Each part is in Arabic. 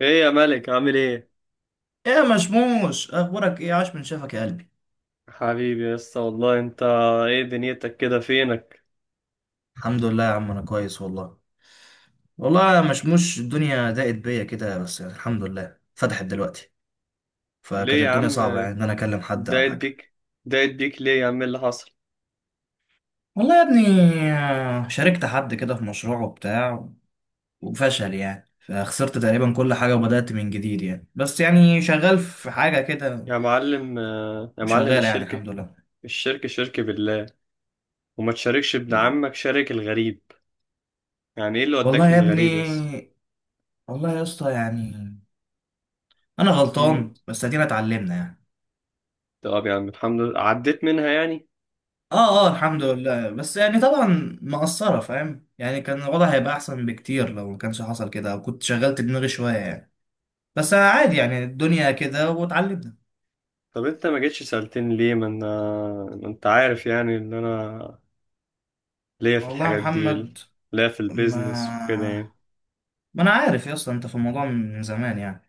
ايه يا ملك عامل ايه؟ ايه يا مشموش اخبارك ايه؟ عاش من شافك يا قلبي. حبيبي يا اسطى، والله انت. ايه دنيتك كده؟ فينك؟ الحمد لله يا عم انا كويس والله. والله يا مشموش الدنيا ضاقت بيا كده بس يعني الحمد لله فتحت دلوقتي. فكانت ليه يا الدنيا عم؟ صعبة يعني ان انا اكلم حد او دايت حاجة. بيك دايت بيك ليه يا عم؟ اللي حصل؟ والله يا ابني، شاركت حد كده في مشروع وبتاع وفشل يعني فخسرت تقريبا كل حاجة وبدأت من جديد يعني بس يعني شغال في حاجة كده. يا معلم وشغال يعني الشركة؟ الحمد لله. الشركة، شركة بالله؟ وما تشاركش ابن عمك، شارك الغريب؟ يعني ايه اللي والله وداك يا ابني، للغريب يا اسطى؟ والله يا اسطى يعني انا امم. غلطان بس ادينا اتعلمنا يعني. طب يا عم، الحمد لله عديت منها يعني. اه اه الحمد لله بس يعني طبعا مقصرة فاهم يعني كان الوضع هيبقى احسن بكتير لو ما كانش حصل كده او كنت شغلت دماغي شوية يعني. بس عادي يعني الدنيا كده واتعلمنا. طب انت ما جيتش سألتني ليه؟ ما انا، ما انت عارف يعني ان انا ليا في والله يا الحاجات دي محمد. ليا في ما البيزنس وكده يعني. ما انا عارف يا اسطى انت في الموضوع من زمان يعني.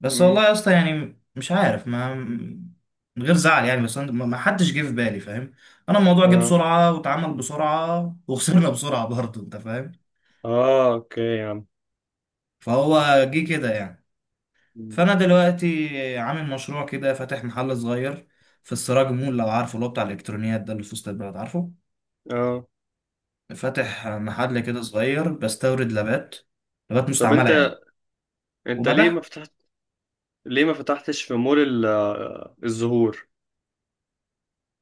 بس والله يا اسطى يعني مش عارف. ما من غير زعل يعني بس ما حدش جه في بالي فاهم. انا الموضوع جه امم. بسرعة واتعمل بسرعة وخسرنا بسرعة برضه انت فاهم. اه، اوكي يا عم. فهو جه كده يعني. مم. فانا دلوقتي عامل مشروع كده فاتح محل صغير في السراج مول لو عارفه، اللي هو بتاع الالكترونيات ده اللي في وسط البلد، عارفه؟ اه. فاتح محل كده صغير بستورد لابات، لابات طب مستعمله انت يعني، انت وببيعها. ليه ما فتحتش في مول الزهور؟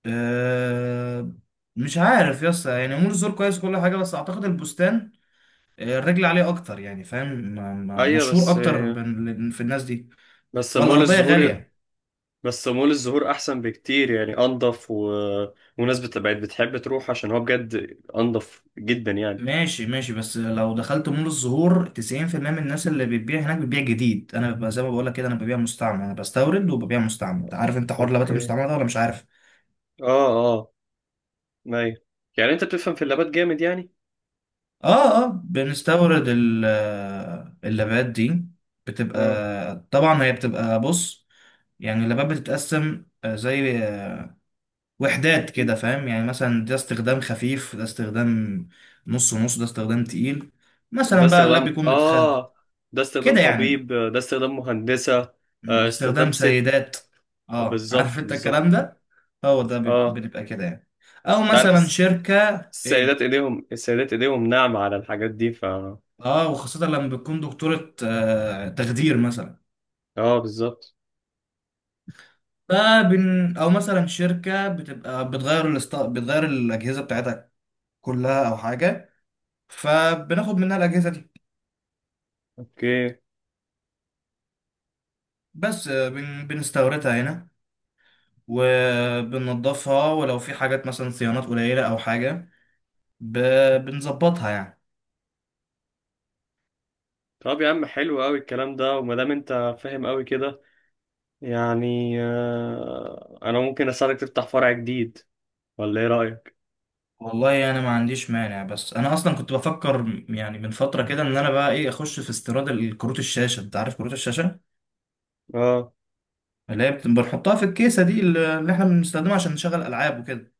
أه مش عارف يا اسطى يعني مول الزور كويس كل حاجه بس اعتقد البستان، الرجل عليه اكتر يعني فاهم. ايوه، مشهور اكتر في الناس دي. بس مول والارضيه الزهور غاليه. بس مول الزهور احسن بكتير، يعني انضف وناس بقت بتحب تروح، عشان هو بجد انضف جدا يعني. ماشي ماشي بس لو دخلت مول الزهور 90% من الناس اللي بتبيع هناك بتبيع جديد. انا ببقى زي ما بقول لك كده انا ببيع مستعمل، انا بستورد وببيع مستعمل. انت عارف انت حوار اللبات اوكي. المستعمله ده ولا مش عارف؟ اه، اه. ايوه. يعني انت بتفهم في اللابات جامد يعني. اه اه بنستورد اللبات دي بتبقى، اه. طبعا هي بتبقى، بص، يعني اللبات بتتقسم آه، زي آه، وحدات مم. كده فاهم. يعني مثلا ده استخدام خفيف، ده استخدام نص نص، ده استخدام تقيل. ده مثلا بقى اللاب استخدام بيكون متخ اه ده استخدام كده طبيب، يعني. ده استخدام مهندسة، استخدام استخدام ست. سيدات. اه عارف بالظبط، انت الكلام بالظبط. ده. هو ده اه، بنبقى كده يعني، او انت عارف مثلا شركة. السيدات ايه ايديهم السيدات ايديهم ناعمة على الحاجات دي اه وخاصة لما بتكون دكتورة آه تخدير مثلا. اه، بالظبط. فبن او مثلا شركة بتبقى بتغير الاجهزة بتاعتها كلها او حاجة، فبناخد منها الاجهزة دي. اوكي. بس بنستوردها هنا وبننضفها، ولو في حاجات مثلا صيانات قليلة او حاجة ب... بنظبطها يعني. طب يا عم، حلو قوي الكلام ده، وما دام انت فاهم قوي كده، يعني انا ممكن اساعدك تفتح فرع جديد، ولا ايه رأيك؟ والله انا ما عنديش مانع بس انا اصلا كنت بفكر يعني من فتره كده ان انا بقى ايه اخش في استيراد كروت الشاشه. انت عارف كروت الشاشه اه. اللي هي بنحطها في الكيسه دي اللي احنا بنستخدمها عشان نشغل العاب وكده،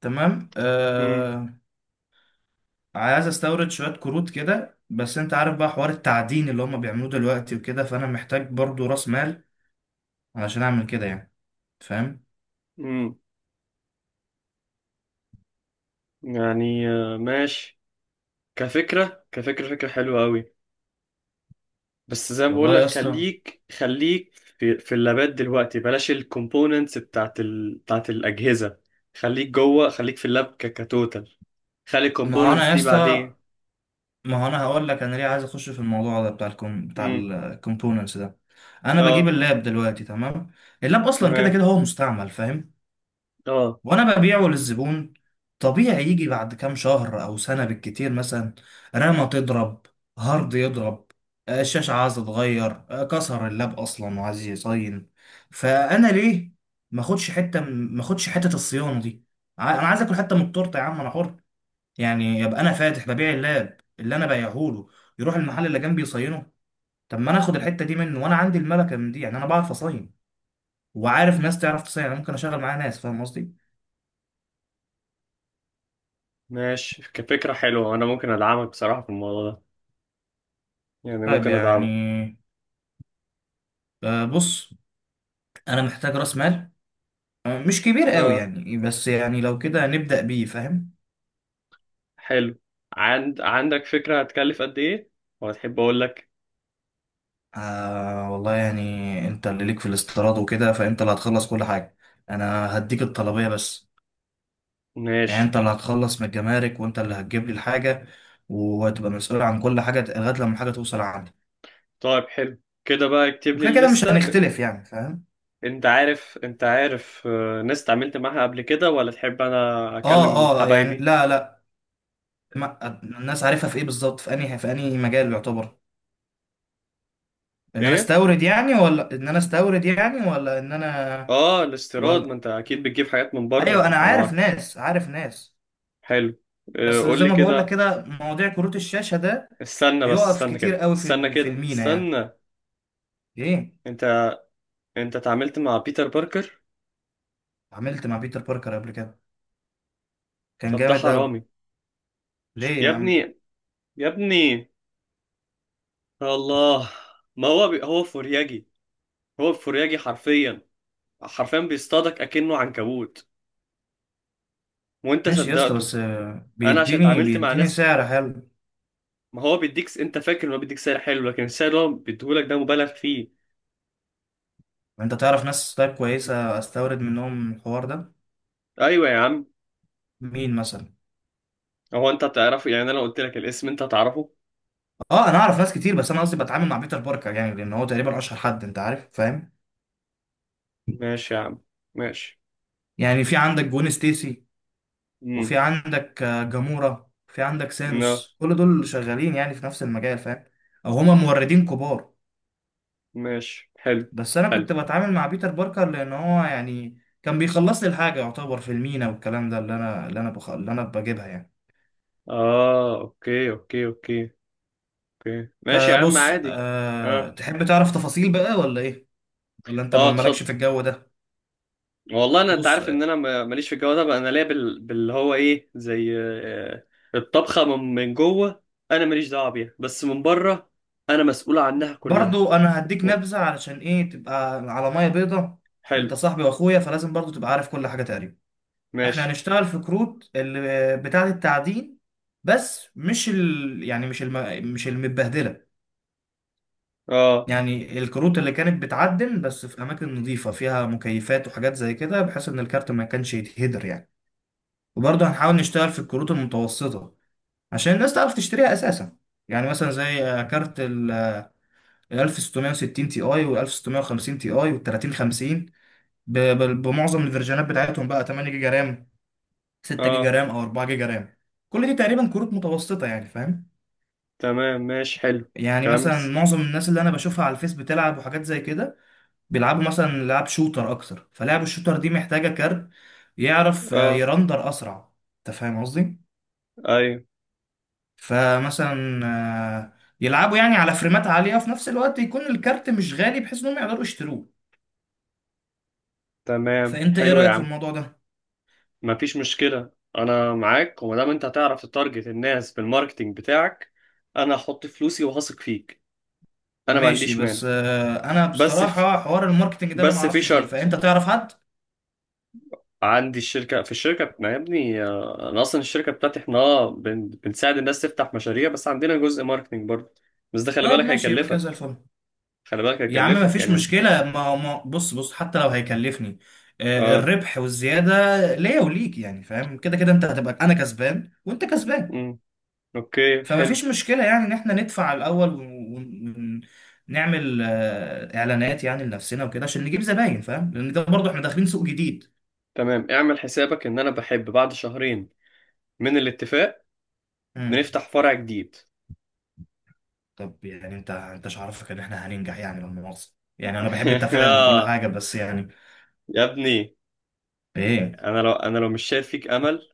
تمام؟ امم. آه عايز استورد شويه كروت كده بس انت عارف بقى حوار التعدين اللي هم بيعملوه دلوقتي وكده، فانا محتاج برضو راس مال علشان اعمل كده يعني، فاهم؟ امم. يعني ماشي. كفكرة فكرة حلوة قوي. بس زي ما بقول والله لك، يا اسطى، خليك في اللابات دلوقتي، بلاش الكومبوننتس بتاعت الأجهزة. خليك جوه، خليك في اللاب كتوتال. خلي ما هو الكومبوننتس انا يا دي اسطى، بعدين. ما هو انا هقول لك انا ليه عايز اخش في الموضوع ده بتاع بتاع امم. الكومبوننتس ده. انا بجيب اه. اللاب دلوقتي تمام، اللاب اصلا كده تمام. كده هو مستعمل فاهم، اه. وانا ببيعه للزبون. طبيعي يجي بعد كام شهر او سنة بالكتير مثلا رامة تضرب، هارد يضرب، آه، الشاشة عايزة تتغير، آه، كسر اللاب اصلا وعايز يصين. فانا ليه ما اخدش حتة الصيانة دي؟ انا عايز اكل حتة من التورتة يا عم، انا حر يعني. يبقى انا فاتح ببيع اللاب اللي انا بايعهوله، يروح المحل اللي جنبي يصينه؟ طب ما انا اخد الحته دي منه وانا عندي الملكه من دي يعني. انا بعرف اصين وعارف ناس تعرف تصين، انا ممكن اشغل معاها ناس، فاهم قصدي؟ ماشي، كفكرة حلوة. انا ممكن ادعمك بصراحة في الموضوع ده. يعني طيب ممكن يعني، ادعمك. بص، انا محتاج راس مال، آه، مش كبير قوي اه، يعني بس يعني لو كده نبدا بيه، فاهم؟ حلو. عندك فكرة هتكلف قد ايه؟ وهتحب اقول لك؟ آه والله يعني انت اللي ليك في الاستيراد وكده فانت اللي هتخلص كل حاجه، انا هديك الطلبيه بس. يعني ماشي. انت اللي هتخلص من الجمارك وانت اللي هتجيب لي الحاجه وهتبقى مسؤول عن كل حاجه لغايه لما الحاجه توصل عندي. طيب حلو كده بقى، اكتب لي وكده كده مش الليستة. هنختلف يعني فاهم. انت عارف ناس اتعاملت معاها قبل كده، ولا تحب انا اه اكلم اه يعني حبايبي؟ لا لا، ما الناس عارفها في ايه بالظبط، في انهي، في انهي مجال يعتبر ان انا ايه. استورد يعني، ولا ان انا استورد يعني، ولا ان انا اه. الاستيراد، ما ولا. انت اكيد بتجيب حاجات من ايوه بره، انا انا عارف معاك. ناس، عارف ناس. حلو. بس قول زي لي ما بقول لك كده. كده مواضيع كروت الشاشه ده استنى بس، بيقف استنى كتير كده، قوي في استنى في كده، المينا يعني. استنى. ايه انت انت اتعاملت مع بيتر باركر؟ عملت مع بيتر باركر قبل كده، كان طب ده جامد قوي. حرامي. ليه يا يا عم؟ ابني، يا ابني، يا الله. ما هو هو فورياجي. هو فورياجي حرفيا. حرفيا بيصطادك اكنه عنكبوت. وانت ماشي يا اسطى صدقته. بس آه، انا عشان بيديني اتعاملت مع بيديني ناس. سعر حلو. ما هو بيديك، انت فاكر انه بيديك سعر حلو، لكن السعر اللي هو بيديهولك ده مبالغ فيه. انت تعرف ناس طيب كويسه استورد منهم الحوار ده؟ ايوه يا عم. مين مثلا؟ هو انت هتعرفه؟ يعني انا لو قلت لك الاسم انت هتعرفه. اه انا اعرف ناس كتير بس انا قصدي بتعامل مع بيتر باركر يعني لان هو تقريبا اشهر حد، انت عارف فاهم. ماشي يا عم. ماشي. يعني في عندك جون ستيسي، وفي امم. عندك آه، جامورا، في عندك لا. سانوس، كل دول شغالين يعني في نفس المجال فاهم، او هما موردين كبار. ماشي، حلو. بس انا حلو. كنت بتعامل مع بيتر باركر لان هو يعني كان بيخلص لي الحاجه يعتبر في المينا والكلام ده اللي انا، اللي انا بجيبها يعني. اه، اوكي، اوكي، اوكي. اوكي، ماشي يا عم، فبص عادي. أه اه، تحب تعرف تفاصيل بقى ولا ايه؟ ولا انت اه. مالكش في اتفضل. الجو ده؟ والله انا، انت بص عارف ان آه، انا ماليش في الجو ده بقى. انا ليا باللي هو ايه، زي الطبخه من جوه. انا ماليش دعوه بيها، بس من بره انا مسؤول عنها كلها. برضو انا هديك و- نبذة علشان ايه تبقى على مية بيضة. حلو. انت صاحبي واخويا فلازم برضو تبقى عارف كل حاجة تقريبا. احنا ماشي. هنشتغل في كروت اللي بتاعة التعدين بس مش ال... يعني مش الم... مش المتبهدلة. اه. يعني الكروت اللي كانت بتعدن بس في اماكن نظيفة فيها مكيفات وحاجات زي كده بحيث ان الكارت ما كانش يتهدر يعني. وبرضه هنحاول نشتغل في الكروت المتوسطة عشان الناس تعرف تشتريها اساسا. يعني مثلا زي كارت ال 1660 تي اي وال 1650 تي اي وال 3050، بمعظم الفيرجنات بتاعتهم بقى 8 جيجا رام، 6 جيجا اه. رام، او 4 جيجا رام. كل دي تقريبا كروت متوسطه يعني فاهم. تمام. ماشي حلو. يعني مثلا كمس. معظم الناس اللي انا بشوفها على الفيس بتلعب وحاجات زي كده بيلعبوا مثلا لعب شوتر اكتر، فلعب الشوتر دي محتاجه كارت يعرف آه، اه. يرندر اسرع، انت فاهم قصدي. ايوه. فمثلا آه، يلعبوا يعني على فريمات عالية في نفس الوقت يكون الكارت مش غالي بحيث انهم يقدروا يشتروه. تمام، فانت ايه حلو يا رأيك في عم. الموضوع ده؟ مفيش مشكلة. انا معاك، وما دام انت هتعرف تتارجت الناس بالماركتينج بتاعك، انا هحط فلوسي وهثق فيك. انا ما ماشي عنديش مانع. بس آه، انا بس في بصراحة حوار الماركتنج ده انا ما بس في اعرفش فيه، فانت شرط. تعرف حد؟ عندي الشركة، في الشركة، ما يا ابني، انا اصلا الشركة بتاعتي، احنا بنساعد الناس تفتح مشاريع، بس عندنا جزء ماركتينج برضه. بس ده، خلي طيب بالك ماشي يبقى كده زي هيكلفك. الفل. خلي بالك يا عم ما هيكلفك فيش يعني. مشكلة، ما ما بص بص حتى لو هيكلفني، آه، اه. الربح والزيادة ليا وليك يعني فاهم. كده كده انت هتبقى انا كسبان وانت كسبان. امم. اوكي، فما حلو. فيش مشكلة يعني ان احنا ندفع الاول ونعمل آه، اعلانات يعني لنفسنا وكده عشان نجيب زباين، فاهم، لان ده برضه احنا داخلين سوق جديد. تمام، اعمل حسابك ان انا بحب بعد شهرين من الاتفاق مم. بنفتح فرع جديد. طب يعني انت، انت مش عارفك ان احنا هننجح يعني، لما مؤاخذة. يعني انا بحب التفاؤل وكل آه، حاجة بس يعني. يا ابني. ايه؟ انا لو مش شايف فيك امل،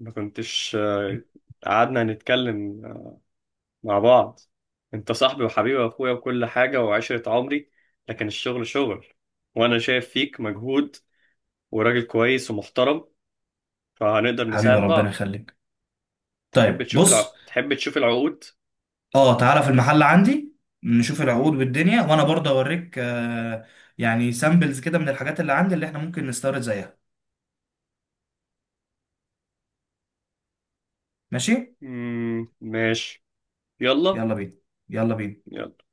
ما كنتش قعدنا نتكلم مع بعض. انت صاحبي وحبيبي واخويا وكل حاجة وعشرة عمري، لكن الشغل شغل. وانا شايف فيك مجهود، وراجل كويس ومحترم، فهنقدر حبيبي نساعد ربنا بعض. يخليك. طيب بص، تحب تشوف العقود؟ اه تعالى في المحل عندي نشوف مم. العقود والدنيا، وانا برضه اوريك آه، يعني سامبلز كده من الحاجات اللي عندي اللي احنا ممكن نستورد زيها. ماشي، مم، ماشي. يلا. يلا بينا، يلا بينا. يلا.